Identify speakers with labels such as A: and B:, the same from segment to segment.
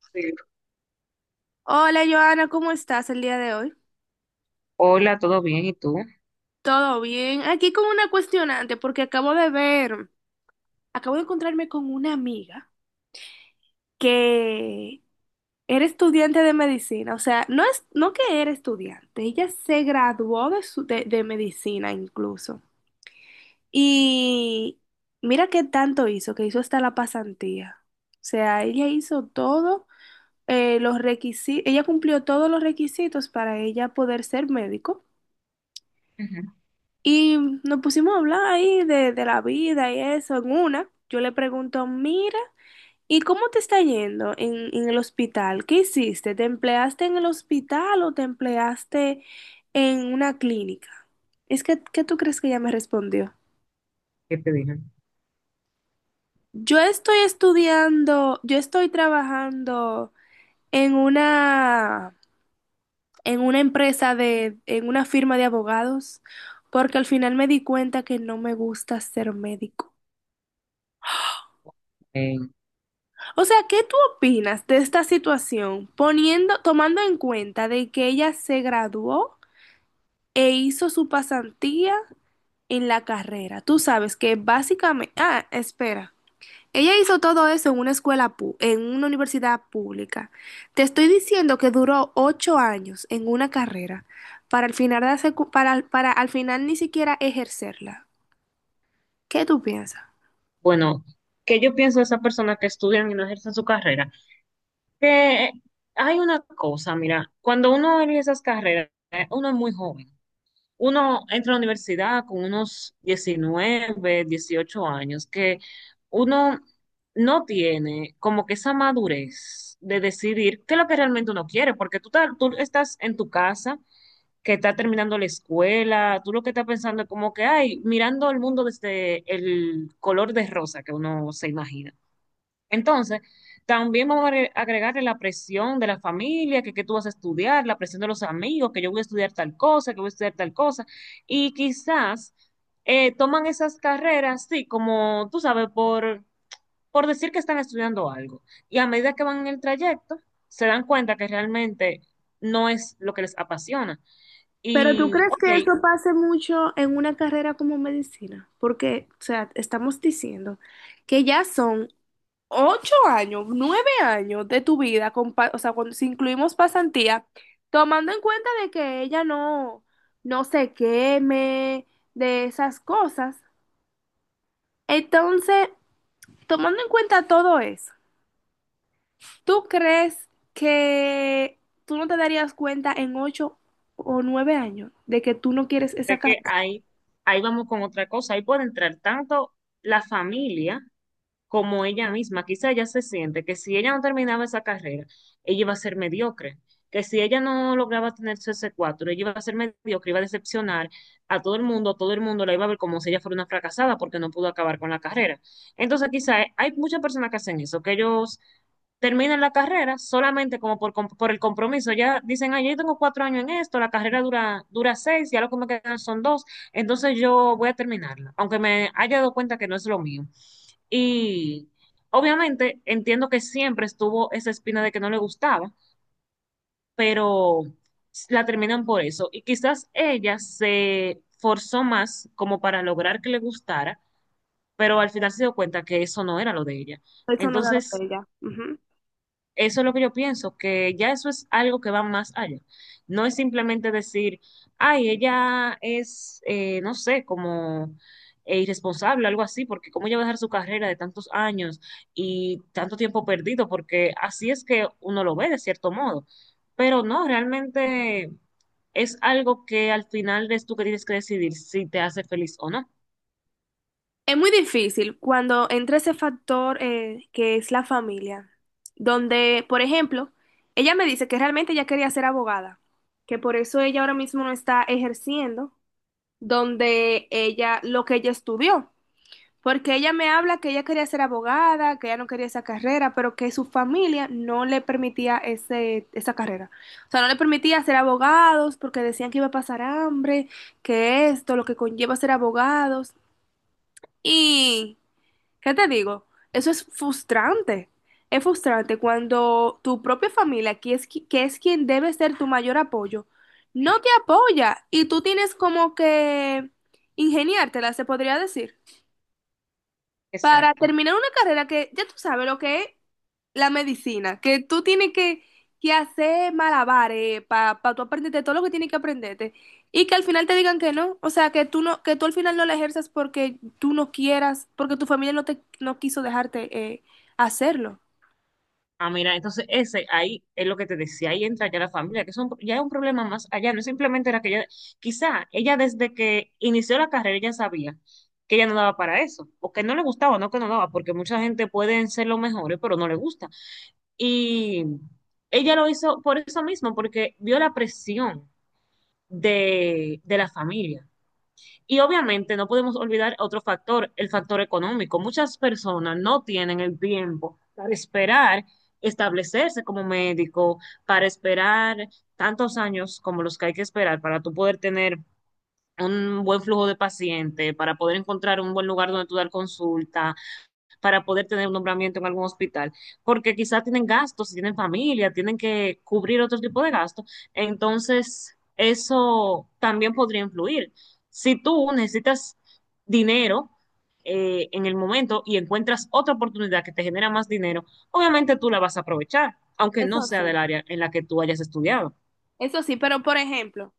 A: Sí.
B: Hola Joana, ¿cómo estás el día de hoy?
A: Hola, ¿todo bien? ¿Y tú?
B: ¿Todo bien? Aquí con una cuestionante porque acabo de ver, acabo de encontrarme con una amiga que era estudiante de medicina, o sea, no es, no que era estudiante, ella se graduó de medicina incluso. Y mira qué tanto hizo, que hizo hasta la pasantía. O sea, ella hizo todo, los requisitos, ella cumplió todos los requisitos para ella poder ser médico.
A: Ujú.
B: Y nos pusimos a hablar ahí de la vida y eso. En una, yo le pregunto, mira, ¿y cómo te está yendo en el hospital? ¿Qué hiciste? ¿Te empleaste en el hospital o te empleaste en una clínica? Es que, ¿qué tú crees que ella me respondió?
A: ¿Qué te dije?
B: Yo estoy estudiando, yo estoy trabajando en una, en una en una firma de abogados, porque al final me di cuenta que no me gusta ser médico.
A: Eh,
B: O sea, ¿qué tú opinas de esta situación, poniendo, tomando en cuenta de que ella se graduó e hizo su pasantía en la carrera? Tú sabes que básicamente, ah, espera. Ella hizo todo eso en una escuela, pu- en una universidad pública. Te estoy diciendo que duró 8 años en una carrera para al final, de la secu- para al final ni siquiera ejercerla. ¿Qué tú piensas?
A: bueno, ¿qué yo pienso de esas personas que estudian y no ejercen su carrera? Que hay una cosa, mira, cuando uno elige esas carreras, uno es muy joven. Uno entra a la universidad con unos 19, 18 años, que uno no tiene como que esa madurez de decidir qué es lo que realmente uno quiere, porque tú estás en tu casa que está terminando la escuela. Tú lo que estás pensando es como que, ay, mirando el mundo desde el color de rosa que uno se imagina. Entonces, también vamos a agregarle la presión de la familia, que tú vas a estudiar, la presión de los amigos, que yo voy a estudiar tal cosa, que voy a estudiar tal cosa, y quizás toman esas carreras, sí, como tú sabes, por decir que están estudiando algo. Y a medida que van en el trayecto, se dan cuenta que realmente no es lo que les apasiona
B: Pero ¿tú
A: y,
B: crees
A: ok,
B: que eso pase mucho en una carrera como medicina? Porque, o sea, estamos diciendo que ya son 8 años, 9 años de tu vida, con pa- o sea, cuando si incluimos pasantía, tomando en cuenta de que ella no, no se queme de esas cosas. Entonces, tomando en cuenta todo eso, ¿tú crees que tú no te darías cuenta en 8 o 9 años de que tú no quieres esa
A: ve que
B: carrera?
A: ahí vamos con otra cosa. Ahí puede entrar tanto la familia como ella misma. Quizá ella se siente que si ella no terminaba esa carrera, ella iba a ser mediocre. Que si ella no lograba tener su S4, ella iba a ser mediocre, iba a decepcionar a todo el mundo la iba a ver como si ella fuera una fracasada porque no pudo acabar con la carrera. Entonces, quizá hay muchas personas que hacen eso, que ellos terminan la carrera solamente como por el compromiso. Ya dicen, ah, yo tengo cuatro años en esto, la carrera dura 6, ya lo que me quedan son 2, entonces yo voy a terminarla, aunque me haya dado cuenta que no es lo mío. Y obviamente entiendo que siempre estuvo esa espina de que no le gustaba, pero la terminan por eso. Y quizás ella se forzó más como para lograr que le gustara, pero al final se dio cuenta que eso no era lo de ella.
B: Eso no da lo de
A: Entonces,
B: ella. Ujú.
A: eso es lo que yo pienso, que ya eso es algo que va más allá. No es simplemente decir, ay, ella es, no sé, como irresponsable, algo así, porque cómo ella va a dejar su carrera de tantos años y tanto tiempo perdido, porque así es que uno lo ve de cierto modo. Pero no, realmente es algo que al final eres tú que tienes que decidir si te hace feliz o no.
B: Es muy difícil cuando entra ese factor que es la familia, donde, por ejemplo, ella me dice que realmente ella quería ser abogada, que por eso ella ahora mismo no está ejerciendo donde ella, lo que ella estudió, porque ella me habla que ella quería ser abogada, que ella no quería esa carrera, pero que su familia no le permitía esa carrera. O sea, no le permitía ser abogados porque decían que iba a pasar hambre, que esto, lo que conlleva ser abogados. Y, ¿qué te digo? Eso es frustrante. Es frustrante cuando tu propia familia, que es quien debe ser tu mayor apoyo, no te apoya y tú tienes como que ingeniártela, se podría decir, para
A: Exacto.
B: terminar una carrera que ya tú sabes lo que es la medicina, que tú tienes que hacer malabares para tú aprenderte todo lo que tienes que aprenderte y que al final te digan que no, o sea, que tú al final no la ejerzas porque tú no quieras, porque tu familia no quiso dejarte hacerlo.
A: Ah, mira, entonces ese ahí es lo que te decía, ahí entra ya la familia, que es ya es un problema más allá, no simplemente era que ella, quizá ella desde que inició la carrera ya sabía que ella no daba para eso, o que no le gustaba, no que no daba, porque mucha gente pueden ser los mejores, pero no le gusta. Y ella lo hizo por eso mismo, porque vio la presión de la familia. Y obviamente no podemos olvidar otro factor, el factor económico. Muchas personas no tienen el tiempo para esperar establecerse como médico, para esperar tantos años como los que hay que esperar para tú poder tener un buen flujo de pacientes, para poder encontrar un buen lugar donde tú dar consulta, para poder tener un nombramiento en algún hospital, porque quizás tienen gastos, tienen familia, tienen que cubrir otro tipo de gastos. Entonces, eso también podría influir. Si tú necesitas dinero en el momento y encuentras otra oportunidad que te genera más dinero, obviamente tú la vas a aprovechar, aunque no
B: Eso
A: sea del
B: sí.
A: área en la que tú hayas estudiado.
B: Eso sí, pero por ejemplo,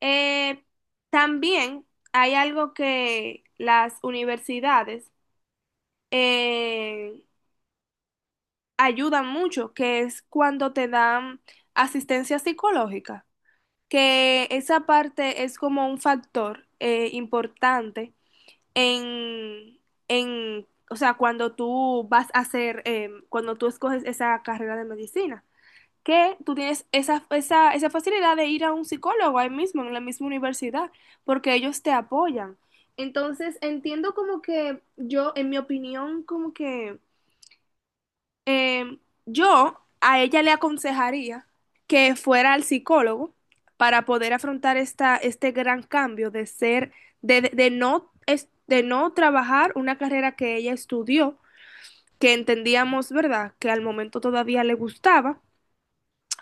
B: eh, también hay algo que las universidades eh, ayuda mucho, que es cuando te dan asistencia psicológica, que esa parte es como un factor importante en, en, o sea, cuando tú vas a hacer, cuando tú escoges esa carrera de medicina, que tú tienes esa facilidad de ir a un psicólogo ahí mismo, en la misma universidad, porque ellos te apoyan. Entonces, entiendo como que yo, en mi opinión, como que Em, yo a ella le aconsejaría que fuera al psicólogo para poder afrontar este gran cambio de no, de no trabajar una carrera que ella estudió, que entendíamos, ¿verdad?, que al momento todavía le gustaba,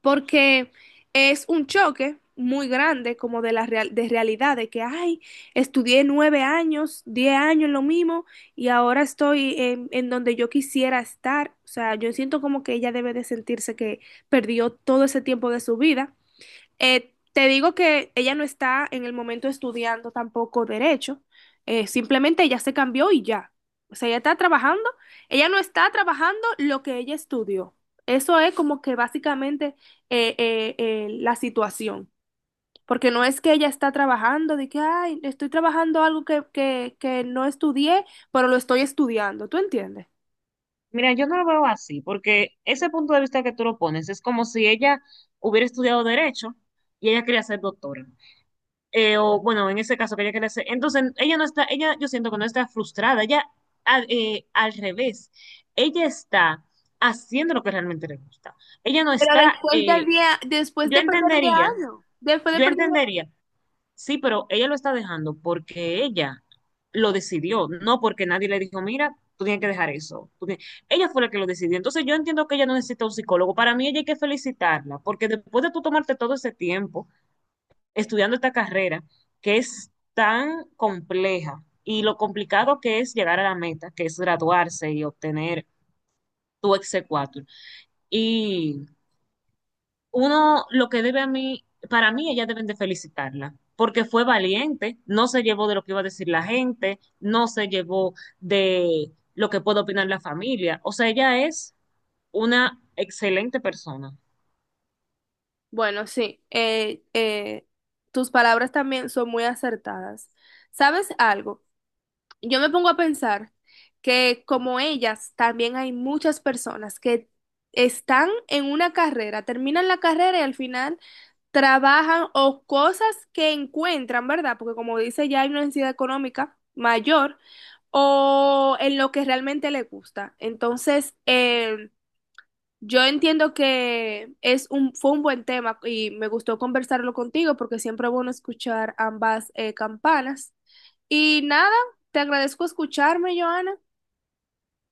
B: porque es un choque muy grande como de realidad, de que, ay, estudié 9 años, 10 años en lo mismo y ahora estoy en donde yo quisiera estar. O sea, yo siento como que ella debe de sentirse que perdió todo ese tiempo de su vida. Te digo que ella no está en el momento estudiando tampoco derecho, simplemente ella se cambió y ya. O sea, ella está trabajando, ella no está trabajando lo que ella estudió. Eso es como que básicamente, la situación, porque no es que ella está trabajando de que, ay, estoy trabajando algo que no estudié, pero lo estoy estudiando, ¿tú entiendes?
A: Mira, yo no lo veo así, porque ese punto de vista que tú lo pones es como si ella hubiera estudiado derecho y ella quería ser doctora. O bueno, en ese caso quería que le quiere. Entonces, ella yo siento que no está frustrada, ella al, al revés, ella está haciendo lo que realmente le gusta. Ella no
B: Pero
A: está,
B: después de 10, después
A: yo
B: de perder 10
A: entendería,
B: años, después de
A: yo
B: perder...
A: entendería, sí, pero ella lo está dejando porque ella lo decidió, no porque nadie le dijo, mira, tú tienes que dejar eso. Tú tienes-". Ella fue la que lo decidió. Entonces yo entiendo que ella no necesita un psicólogo. Para mí ella hay que felicitarla, porque después de tú tomarte todo ese tiempo estudiando esta carrera que es tan compleja y lo complicado que es llegar a la meta, que es graduarse y obtener tu exequatur. Y uno, lo que debe a mí, para mí ellas deben de felicitarla, porque fue valiente, no se llevó de lo que iba a decir la gente, no se llevó de lo que puede opinar la familia. O sea, ella es una excelente persona.
B: Bueno, sí, tus palabras también son muy acertadas. ¿Sabes algo? Yo me pongo a pensar que como ellas, también hay muchas personas que están en una carrera, terminan la carrera y al final trabajan o cosas que encuentran, ¿verdad? Porque como dice, ya hay una necesidad económica mayor o en lo que realmente le gusta. Entonces, yo entiendo que es un, fue un buen tema y me gustó conversarlo contigo porque siempre es bueno escuchar ambas campanas. Y nada, te agradezco escucharme, Joana.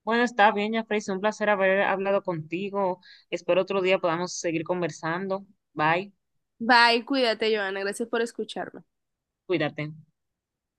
A: Bueno, está bien, ya, Jeffrey. Un placer haber hablado contigo. Espero otro día podamos seguir conversando. Bye.
B: Bye, cuídate, Joana. Gracias por escucharme.
A: Cuídate.